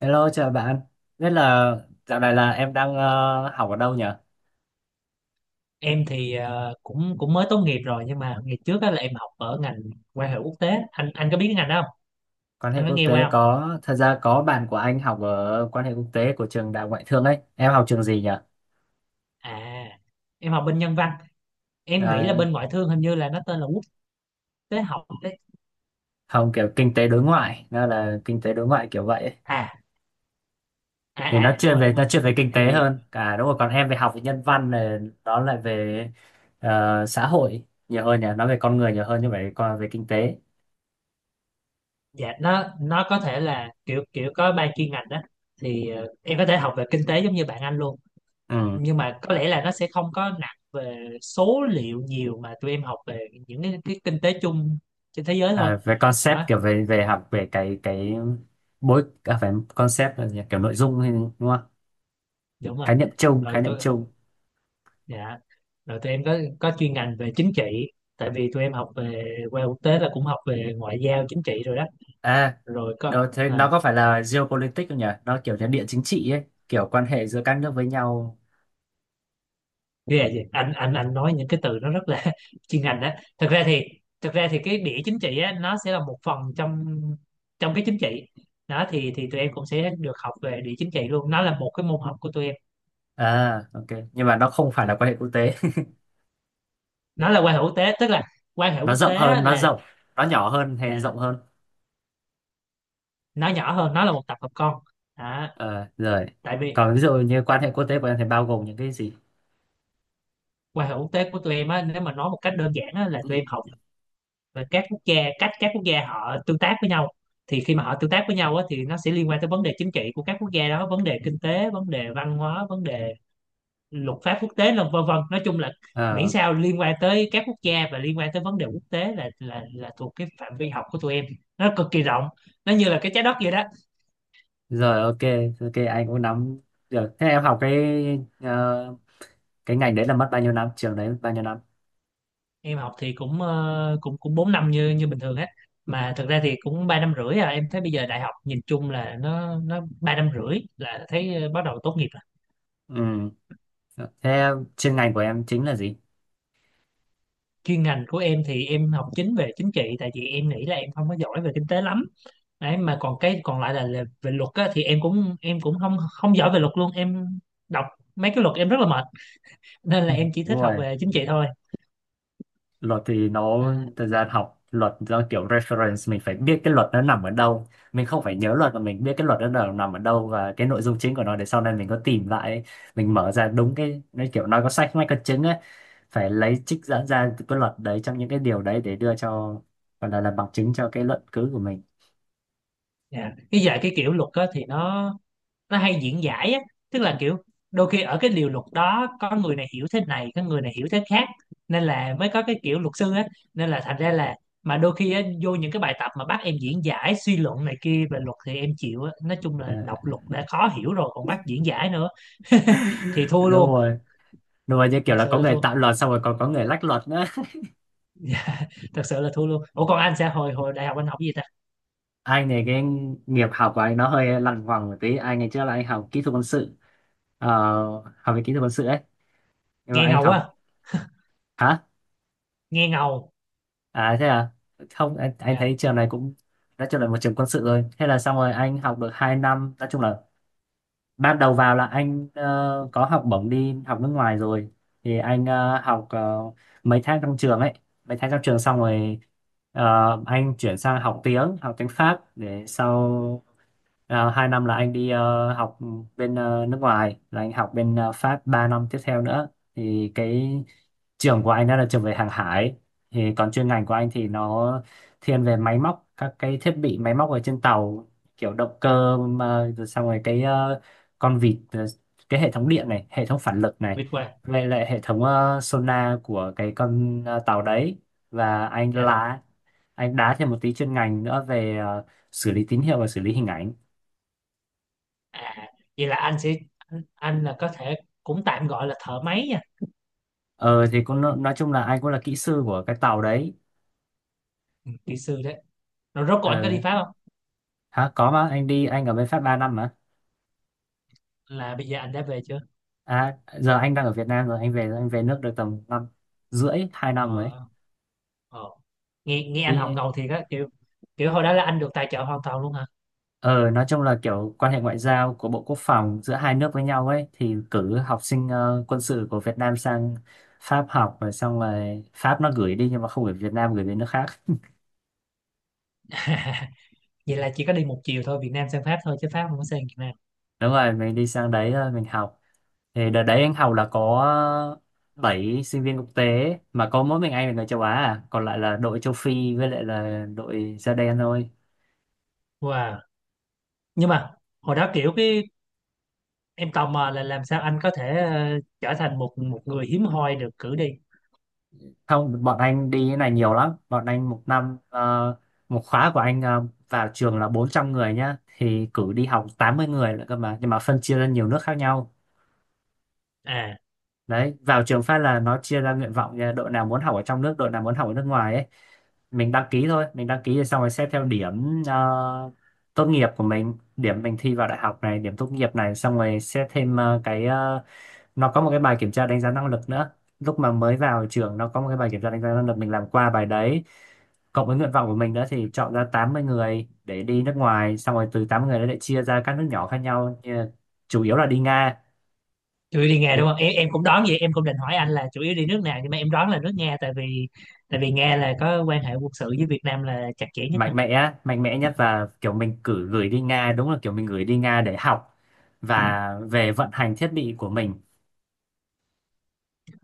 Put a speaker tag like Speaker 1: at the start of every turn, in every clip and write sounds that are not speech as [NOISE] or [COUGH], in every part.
Speaker 1: Hello, chào bạn. Biết là dạo này là em đang học ở đâu nhỉ?
Speaker 2: Em thì cũng cũng mới tốt nghiệp rồi, nhưng mà ngày trước á là em học ở ngành quan hệ quốc tế. Anh có biết cái ngành đó không?
Speaker 1: Quan hệ
Speaker 2: Anh có
Speaker 1: quốc
Speaker 2: nghe
Speaker 1: tế
Speaker 2: qua không?
Speaker 1: có, thật ra có bạn của anh học ở quan hệ quốc tế của trường Đại học Ngoại thương ấy. Em học trường gì nhỉ?
Speaker 2: À, em học bên Nhân văn. Em nghĩ là
Speaker 1: À,
Speaker 2: bên Ngoại thương hình như là nó tên là Quốc tế học đấy.
Speaker 1: không kiểu kinh tế đối ngoại, nó là kinh tế đối ngoại kiểu vậy ấy.
Speaker 2: À, à,
Speaker 1: Thì nó
Speaker 2: à, đúng
Speaker 1: chuyên
Speaker 2: rồi,
Speaker 1: về
Speaker 2: đúng
Speaker 1: nó
Speaker 2: rồi.
Speaker 1: chuyên về kinh tế
Speaker 2: thì
Speaker 1: hơn. Cả đúng rồi, còn em về học về nhân văn này, nó lại về xã hội nhiều hơn nhỉ, nó về con người nhiều hơn như vậy, còn về kinh tế.
Speaker 2: dạ, nó có thể là kiểu kiểu có ba chuyên ngành đó. Thì em có thể học về kinh tế giống như bạn anh luôn,
Speaker 1: Ừ.
Speaker 2: nhưng mà có lẽ là nó sẽ không có nặng về số liệu nhiều, mà tụi em học về những cái kinh tế chung trên thế giới thôi.
Speaker 1: À, về
Speaker 2: Đó,
Speaker 1: concept, kiểu về về học về cái bối à, phải concept là gì? Kiểu nội dung hay đúng không?
Speaker 2: đúng rồi.
Speaker 1: Khái niệm chung,
Speaker 2: Rồi
Speaker 1: khái niệm
Speaker 2: tụi
Speaker 1: chung.
Speaker 2: Dạ, rồi tụi em có chuyên ngành về chính trị, tại vì tụi em học về qua quốc tế là cũng học về ngoại giao, chính trị rồi đó.
Speaker 1: À,
Speaker 2: Rồi có,
Speaker 1: rồi thế
Speaker 2: à,
Speaker 1: nó có phải là geopolitics không nhỉ? Nó kiểu như địa chính trị ấy, kiểu quan hệ giữa các nước với nhau.
Speaker 2: ghê gì? Anh nói những cái từ nó rất là [LAUGHS] chuyên ngành đó. Thật ra thì thật ra thì cái đĩa chính trị á, nó sẽ là một phần trong trong cái chính trị. Đó, thì tụi em cũng sẽ được học về địa chính trị luôn. Nó là một cái môn học của tụi em.
Speaker 1: À, ok. Nhưng mà nó không phải là quan hệ quốc tế.
Speaker 2: Nó là quan hệ quốc tế, tức là quan
Speaker 1: [LAUGHS]
Speaker 2: hệ
Speaker 1: Nó
Speaker 2: quốc
Speaker 1: rộng
Speaker 2: tế
Speaker 1: hơn,
Speaker 2: á,
Speaker 1: nó rộng, nó nhỏ hơn hay
Speaker 2: là
Speaker 1: rộng hơn?
Speaker 2: nó nhỏ hơn, nó là một tập hợp con. Đó,
Speaker 1: Ờ, rồi.
Speaker 2: tại vì
Speaker 1: Còn ví dụ như quan hệ quốc tế của em thì bao gồm những cái gì?
Speaker 2: qua hệ quốc tế của tụi em á, nếu mà nói một cách đơn giản á, là tụi em học về các quốc gia, cách các quốc gia họ tương tác với nhau. Thì khi mà họ tương tác với nhau á, thì nó sẽ liên quan tới vấn đề chính trị của các quốc gia đó, vấn đề kinh tế, vấn đề văn hóa, vấn đề luật pháp quốc tế, vân vân. Nói chung là miễn
Speaker 1: Ờ,
Speaker 2: sao liên quan tới các quốc gia và liên quan tới vấn đề quốc tế là là thuộc cái phạm vi học của tụi em. Nó cực kỳ rộng, nó như là cái trái đất vậy đó.
Speaker 1: rồi ok, ok anh cũng nắm được. Thế em học ờ, cái ngành đấy là mất bao nhiêu năm, trường đấy mất bao nhiêu năm?
Speaker 2: Em học thì cũng cũng cũng 4 năm như như bình thường hết, mà thực ra thì cũng 3 năm rưỡi à. Em thấy bây giờ đại học nhìn chung là nó 3 năm rưỡi là thấy bắt đầu tốt nghiệp rồi.
Speaker 1: Ừ. Thế chuyên ngành của em chính là gì?
Speaker 2: Chuyên ngành của em thì em học chính về chính trị, tại vì em nghĩ là em không có giỏi về kinh tế lắm đấy. Mà còn cái còn lại là, về luật á, thì em cũng không không giỏi về luật luôn. Em đọc mấy cái luật em rất là mệt, nên là
Speaker 1: [LAUGHS]
Speaker 2: em chỉ
Speaker 1: Đúng
Speaker 2: thích học
Speaker 1: rồi,
Speaker 2: về chính trị thôi.
Speaker 1: luật thì nó
Speaker 2: À,
Speaker 1: thời gian học luật do kiểu reference mình phải biết cái luật nó nằm ở đâu, mình không phải nhớ luật mà mình biết cái luật nó nằm ở đâu và cái nội dung chính của nó để sau này mình có tìm lại ấy. Mình mở ra đúng cái, nó kiểu nói có sách mách có chứng ấy, phải lấy trích dẫn ra từ cái luật đấy trong những cái điều đấy để đưa cho, gọi là bằng chứng cho cái luận cứ của mình.
Speaker 2: dạ, cái dạy cái kiểu luật á, thì nó hay diễn giải á, tức là kiểu đôi khi ở cái điều luật đó có người này hiểu thế này, có người này hiểu thế khác, nên là mới có cái kiểu luật sư á, nên là thành ra là mà đôi khi á, vô những cái bài tập mà bắt em diễn giải, suy luận này kia về luật thì em chịu á. Nói chung
Speaker 1: Ờ.
Speaker 2: là đọc luật đã khó hiểu rồi còn bắt diễn giải nữa, [LAUGHS] thì
Speaker 1: [LAUGHS]
Speaker 2: thua
Speaker 1: Đúng
Speaker 2: luôn.
Speaker 1: rồi, đúng rồi, như kiểu
Speaker 2: Thật
Speaker 1: là
Speaker 2: sự
Speaker 1: có
Speaker 2: là
Speaker 1: người
Speaker 2: thua,
Speaker 1: tạo luật xong rồi còn có người lách luật.
Speaker 2: thật sự là thua luôn. Ủa còn anh sẽ hồi hồi đại học anh học gì ta?
Speaker 1: Anh này cái nghiệp học của anh nó hơi lằng ngoằng một tí, anh ngày trước là anh học kỹ thuật quân sự, ờ, học về kỹ thuật quân sự ấy. Nhưng mà
Speaker 2: Nghe
Speaker 1: anh
Speaker 2: ngầu á,
Speaker 1: học, hả?
Speaker 2: nghe ngầu.
Speaker 1: À thế à. Không anh
Speaker 2: Dạ.
Speaker 1: thấy trường này cũng nói chung là một trường quân sự rồi, thế là xong rồi anh học được 2 năm. Nói chung là ban đầu vào là anh có học bổng đi học nước ngoài rồi. Thì anh học mấy tháng trong trường ấy, mấy tháng trong trường xong rồi, ờ, anh chuyển sang học tiếng Pháp để sau. À, hai năm là anh đi học bên nước ngoài, là anh học bên Pháp 3 năm tiếp theo nữa. Thì cái trường của anh đó là trường về hàng hải, thì còn chuyên ngành của anh thì nó thiên về máy móc, các cái thiết bị máy móc ở trên tàu, kiểu động cơ, mà rồi xong rồi cái con vịt, cái hệ thống điện này, hệ thống phản lực này,
Speaker 2: Biết qua.
Speaker 1: vậy lại hệ thống sonar của cái con tàu đấy. Và anh
Speaker 2: Dạ rồi.
Speaker 1: lá, anh đá thêm một tí chuyên ngành nữa về xử lý tín hiệu và xử lý hình ảnh.
Speaker 2: À vậy là anh là có thể cũng tạm gọi là thợ máy nhỉ?
Speaker 1: Ờ thì cũng nói chung là anh cũng là kỹ sư của cái tàu đấy.
Speaker 2: Ừ, kỹ sư đấy. Rồi rốt cuộc anh có đi
Speaker 1: Ờ,
Speaker 2: Pháp không?
Speaker 1: hả? Có mà anh đi, anh ở bên Pháp 3 năm mà.
Speaker 2: Là bây giờ anh đã về chưa?
Speaker 1: À giờ anh đang ở Việt Nam rồi, anh về nước được tầm năm rưỡi, 2 năm rồi
Speaker 2: Ờ,
Speaker 1: ấy.
Speaker 2: ờ. Nghe nghe anh học
Speaker 1: Đi,
Speaker 2: ngầu thiệt á, kiểu kiểu hồi đó là anh được tài trợ hoàn toàn luôn hả?
Speaker 1: ờ nói chung là kiểu quan hệ ngoại giao của Bộ Quốc phòng giữa hai nước với nhau ấy, thì cử học sinh quân sự của Việt Nam sang Pháp học, rồi xong rồi Pháp nó gửi đi nhưng mà không gửi Việt Nam gửi về nước khác.
Speaker 2: [LAUGHS] Vậy là chỉ có đi một chiều thôi, Việt Nam sang Pháp thôi chứ Pháp không có sang Việt Nam.
Speaker 1: Đúng rồi, mình đi sang đấy mình học. Thì đợt đấy anh học là có 7 sinh viên quốc tế mà có mỗi mình anh là người châu Á à. Còn lại là đội châu Phi với lại là đội da đen thôi.
Speaker 2: Wow. Nhưng mà hồi đó kiểu cái em tò mò là làm sao anh có thể trở thành một một người hiếm hoi được cử đi?
Speaker 1: Không, bọn anh đi cái này nhiều lắm, bọn anh một năm, một khóa của anh, vào trường là 400 người nhá, thì cử đi học 80 người nữa cơ mà, nhưng mà phân chia ra nhiều nước khác nhau.
Speaker 2: À,
Speaker 1: Đấy vào trường phát là nó chia ra nguyện vọng nha, đội nào muốn học ở trong nước, đội nào muốn học ở nước ngoài ấy. Mình đăng ký thôi, mình đăng ký rồi xong rồi xét theo điểm tốt nghiệp của mình, điểm mình thi vào đại học này, điểm tốt nghiệp này, xong rồi xét thêm nó có một cái bài kiểm tra đánh giá năng lực nữa, lúc mà mới vào trường nó có một cái bài kiểm tra đánh giá năng lực, mình làm qua bài đấy cộng với nguyện vọng của mình đó thì chọn ra 80 người để đi nước ngoài, xong rồi từ 80 người đó lại chia ra các nước nhỏ khác nhau là chủ yếu là đi Nga.
Speaker 2: chủ yếu đi Nga đúng không? Em, em cũng đoán vậy, em cũng định hỏi anh là chủ yếu đi nước nào nhưng mà em đoán là nước Nga, tại vì Nga là có quan hệ quân sự với Việt Nam là chặt chẽ nhất mà.
Speaker 1: Mạnh mẽ mạnh mẽ nhất, và kiểu mình cử gửi đi Nga, đúng là kiểu mình gửi đi Nga để học và về vận hành thiết bị của mình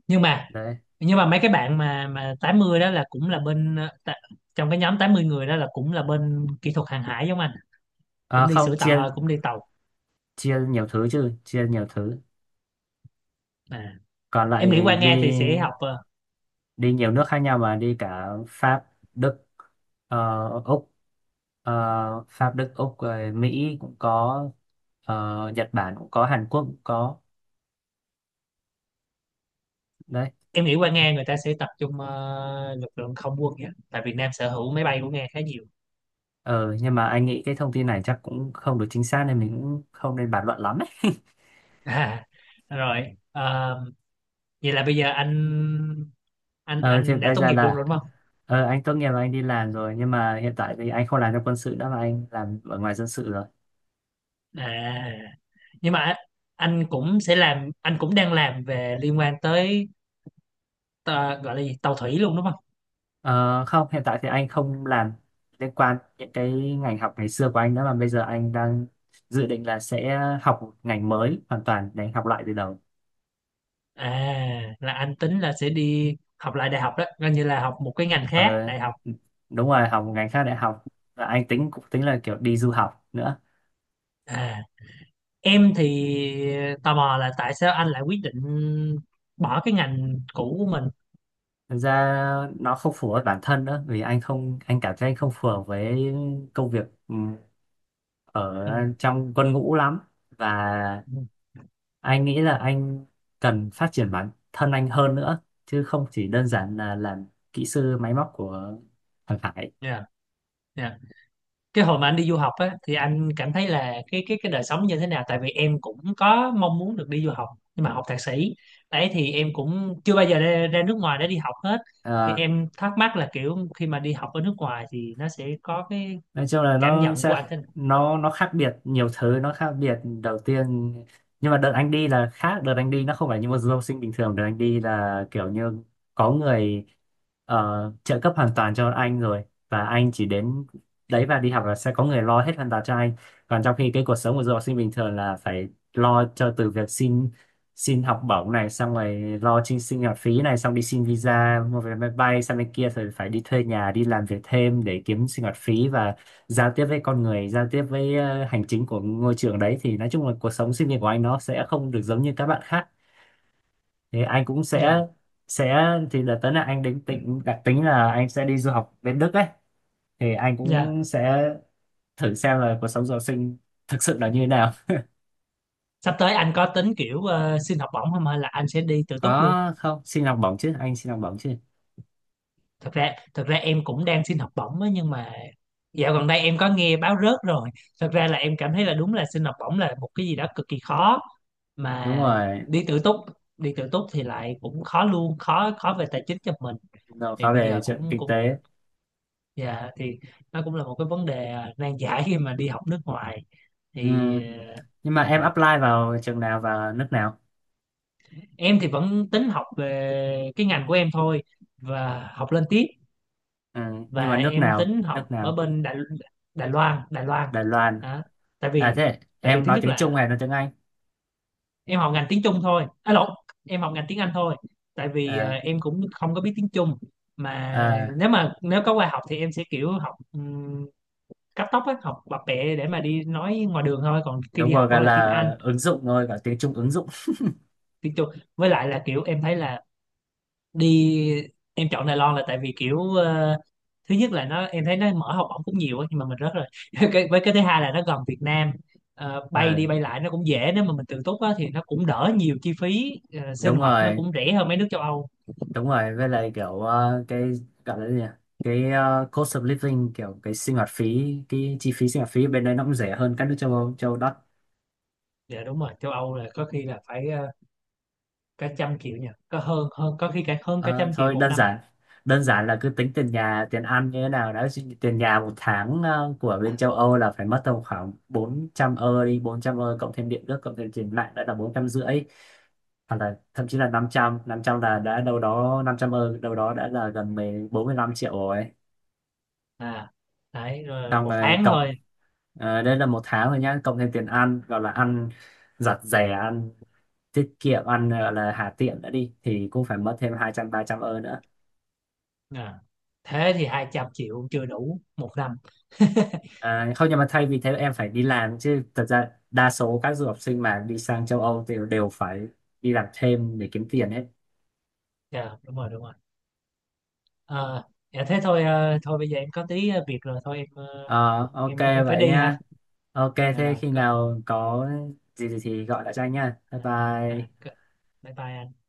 Speaker 2: nhưng mà
Speaker 1: đấy.
Speaker 2: nhưng mà mấy cái bạn mà 80 đó là cũng là bên trong cái nhóm 80 người đó là cũng là bên kỹ thuật hàng hải giống anh,
Speaker 1: À,
Speaker 2: cũng đi
Speaker 1: không
Speaker 2: sửa tàu,
Speaker 1: chia
Speaker 2: cũng đi tàu.
Speaker 1: chia nhiều thứ chứ, chia nhiều thứ
Speaker 2: À,
Speaker 1: Còn
Speaker 2: em nghĩ qua
Speaker 1: lại đi
Speaker 2: Nga thì sẽ học
Speaker 1: đi nhiều nước khác nhau, mà đi cả Pháp, Đức, Úc, ờ, Pháp, Đức, Úc rồi Mỹ cũng có, Nhật Bản cũng có, Hàn Quốc cũng có đấy.
Speaker 2: em nghĩ qua
Speaker 1: Thế-
Speaker 2: Nga người ta sẽ tập trung lực lượng không quân nhé, tại Việt Nam sở hữu máy bay của Nga khá nhiều.
Speaker 1: ờ nhưng mà anh nghĩ cái thông tin này chắc cũng không được chính xác nên mình cũng không nên bàn luận lắm.
Speaker 2: [LAUGHS] À, rồi, ờ, vậy là bây giờ anh anh
Speaker 1: Ờ, thì
Speaker 2: anh đã
Speaker 1: bây
Speaker 2: tốt
Speaker 1: giờ
Speaker 2: nghiệp luôn
Speaker 1: là
Speaker 2: rồi đúng không?
Speaker 1: anh tốt nghiệp và anh đi làm rồi, nhưng mà hiện tại thì anh không làm trong quân sự nữa mà anh làm ở ngoài dân sự rồi.
Speaker 2: À, nhưng mà anh cũng sẽ làm, anh cũng đang làm về liên quan tới ờ, gọi là gì, tàu thủy luôn đúng không?
Speaker 1: Ờ, không, hiện tại thì anh không làm liên quan những cái ngành học ngày xưa của anh nữa, mà bây giờ anh đang dự định là sẽ học một ngành mới hoàn toàn để học lại từ đầu.
Speaker 2: À là anh tính là sẽ đi học lại đại học đó, coi như là học một cái ngành khác
Speaker 1: Ờ,
Speaker 2: đại học.
Speaker 1: đúng rồi, học một ngành khác đại học, và anh tính, cũng tính là kiểu đi du học nữa.
Speaker 2: À em thì tò mò là tại sao anh lại quyết định bỏ cái ngành cũ của mình?
Speaker 1: Thực ra nó không phù hợp với bản thân nữa, vì anh cảm thấy anh không phù hợp với công việc ở
Speaker 2: Ừ.
Speaker 1: trong quân ngũ lắm, và
Speaker 2: Ừ.
Speaker 1: anh nghĩ là anh cần phát triển bản thân anh hơn nữa chứ không chỉ đơn giản là làm kỹ sư máy móc của thằng Khải.
Speaker 2: Dạ. Dạ cái hồi mà anh đi du học á thì anh cảm thấy là cái đời sống như thế nào, tại vì em cũng có mong muốn được đi du học, nhưng mà học thạc sĩ đấy, thì em cũng chưa bao giờ ra nước ngoài để đi học hết. Thì
Speaker 1: Ờ,
Speaker 2: em thắc mắc là kiểu khi mà đi học ở nước ngoài thì nó sẽ có cái
Speaker 1: nói chung là
Speaker 2: cảm
Speaker 1: nó
Speaker 2: nhận của
Speaker 1: sẽ
Speaker 2: anh thế nào.
Speaker 1: nó khác biệt nhiều thứ, nó khác biệt đầu tiên, nhưng mà đợt anh đi là khác, đợt anh đi nó không phải như một du học sinh bình thường, đợt anh đi là kiểu như có người trợ cấp hoàn toàn cho anh rồi, và anh chỉ đến đấy và đi học là sẽ có người lo hết hoàn toàn cho anh. Còn trong khi cái cuộc sống của du học sinh bình thường là phải lo cho từ việc xin xin học bổng này, xong rồi lo chi sinh hoạt phí này, xong đi xin visa, mua vé máy bay sang bên kia rồi phải đi thuê nhà, đi làm việc thêm để kiếm sinh hoạt phí, và giao tiếp với con người, giao tiếp với hành chính của ngôi trường đấy, thì nói chung là cuộc sống sinh viên của anh nó sẽ không được giống như các bạn khác. Thì anh cũng
Speaker 2: Dạ.
Speaker 1: sẽ thì đợt tới là anh định tính đặc tính là anh sẽ đi du học bên Đức ấy, thì anh
Speaker 2: Dạ,
Speaker 1: cũng sẽ thử xem là cuộc sống du học sinh thực sự là như thế nào.
Speaker 2: sắp tới anh có tính kiểu xin học bổng không hay là anh sẽ đi tự túc luôn?
Speaker 1: Có không, xin học bổng chứ, anh xin học bổng chứ.
Speaker 2: Thật ra em cũng đang xin học bổng á, nhưng mà dạo gần đây em có nghe báo rớt rồi. Thật ra là em cảm thấy là đúng là xin học bổng là một cái gì đó cực kỳ khó,
Speaker 1: Đúng
Speaker 2: mà
Speaker 1: rồi,
Speaker 2: đi tự túc, đi tự túc thì lại cũng khó luôn, khó khó về tài chính cho mình.
Speaker 1: nó
Speaker 2: Thì
Speaker 1: khá
Speaker 2: bây
Speaker 1: về
Speaker 2: giờ
Speaker 1: chuyện
Speaker 2: cũng
Speaker 1: kinh
Speaker 2: cũng
Speaker 1: tế.
Speaker 2: dạ thì nó cũng là một cái vấn đề, à, nan giải khi mà đi học nước ngoài.
Speaker 1: Ừ.
Speaker 2: Thì
Speaker 1: Nhưng mà em
Speaker 2: dạ.
Speaker 1: apply vào trường nào và nước nào?
Speaker 2: Em thì vẫn tính học về cái ngành của em thôi, và học lên tiếp,
Speaker 1: Ừ. Nhưng mà
Speaker 2: và
Speaker 1: nước
Speaker 2: em
Speaker 1: nào,
Speaker 2: tính học
Speaker 1: nước
Speaker 2: ở
Speaker 1: nào?
Speaker 2: bên Đài, Đài Loan, Đài Loan
Speaker 1: Đài Loan.
Speaker 2: đó. Tại
Speaker 1: À
Speaker 2: vì
Speaker 1: thế em
Speaker 2: thứ
Speaker 1: nói
Speaker 2: nhất
Speaker 1: tiếng Trung
Speaker 2: là
Speaker 1: hay nói tiếng Anh?
Speaker 2: em học ngành tiếng Trung thôi, à lộn, em học ngành tiếng Anh thôi, tại vì
Speaker 1: À,
Speaker 2: em cũng không có biết tiếng Trung mà.
Speaker 1: à,
Speaker 2: Nếu mà nếu có qua học thì em sẽ kiểu học cấp tốc á, học bập bẹ để mà đi nói ngoài đường thôi, còn khi
Speaker 1: đúng
Speaker 2: đi học
Speaker 1: rồi,
Speaker 2: vẫn
Speaker 1: gọi
Speaker 2: là tiếng
Speaker 1: là
Speaker 2: Anh,
Speaker 1: ứng dụng thôi, gọi tiếng Trung ứng dụng.
Speaker 2: tiếng Trung. Với lại là kiểu em thấy là đi em chọn Đài Loan là tại vì kiểu thứ nhất là nó em thấy nó mở học bổng cũng nhiều á, nhưng mà mình rớt rồi. [LAUGHS] Cái, với cái thứ hai là nó gần Việt Nam. Ờ, bay
Speaker 1: Ờ,
Speaker 2: đi bay lại nó cũng dễ, nếu mà mình tự túc á, thì nó cũng đỡ nhiều chi phí, sinh
Speaker 1: đúng
Speaker 2: hoạt nó
Speaker 1: rồi,
Speaker 2: cũng rẻ hơn mấy nước châu Âu.
Speaker 1: đúng rồi. Với lại kiểu cái gọi là gì nhỉ? Cái cost of living, kiểu cái sinh hoạt phí, cái chi phí sinh hoạt phí bên đấy nó cũng rẻ hơn các nước châu Âu đất.
Speaker 2: Dạ đúng rồi, châu Âu là có khi là phải cả 100 triệu nhỉ, có hơn, hơn có khi cả hơn cả
Speaker 1: Ờ,
Speaker 2: trăm triệu
Speaker 1: thôi
Speaker 2: một năm
Speaker 1: đơn giản là cứ tính tiền nhà, tiền ăn như thế nào đó. Chứ tiền nhà một tháng của bên châu Âu là phải mất tầm khoảng 400 ơ đi, 400 ơ cộng thêm điện nước cộng thêm tiền mạng đã là 450, hoặc là thậm chí là 500, 500 là đã đâu đó, 500 ơ đâu đó đã là gần mười, bốn mươi, 45 triệu rồi,
Speaker 2: À đấy, rồi
Speaker 1: xong
Speaker 2: một
Speaker 1: rồi
Speaker 2: tháng
Speaker 1: cộng,
Speaker 2: thôi.
Speaker 1: đây là một tháng rồi nhá, cộng thêm tiền ăn, gọi là ăn giặt rẻ, ăn tiết kiệm, ăn là hà tiện đã đi, thì cũng phải mất thêm hai trăm, ba trăm ơ nữa.
Speaker 2: À, thế thì 200 triệu chưa đủ 1 năm.
Speaker 1: À, không, nhưng mà thay vì thế em phải đi làm chứ, thật ra đa số các du học sinh mà đi sang châu Âu thì đều phải đi làm thêm để kiếm tiền hết.
Speaker 2: Dạ đúng rồi, đúng rồi. Ờ, dạ thế thôi, thôi bây giờ em có tí việc rồi, thôi em,
Speaker 1: Ờ, ok
Speaker 2: em phải
Speaker 1: vậy
Speaker 2: đi ha.
Speaker 1: nha. Ok,
Speaker 2: Dạ
Speaker 1: thế
Speaker 2: rồi.
Speaker 1: khi
Speaker 2: Có,
Speaker 1: nào có gì thì gọi lại cho anh nha. Bye
Speaker 2: à, à,
Speaker 1: bye.
Speaker 2: có, bye bye anh.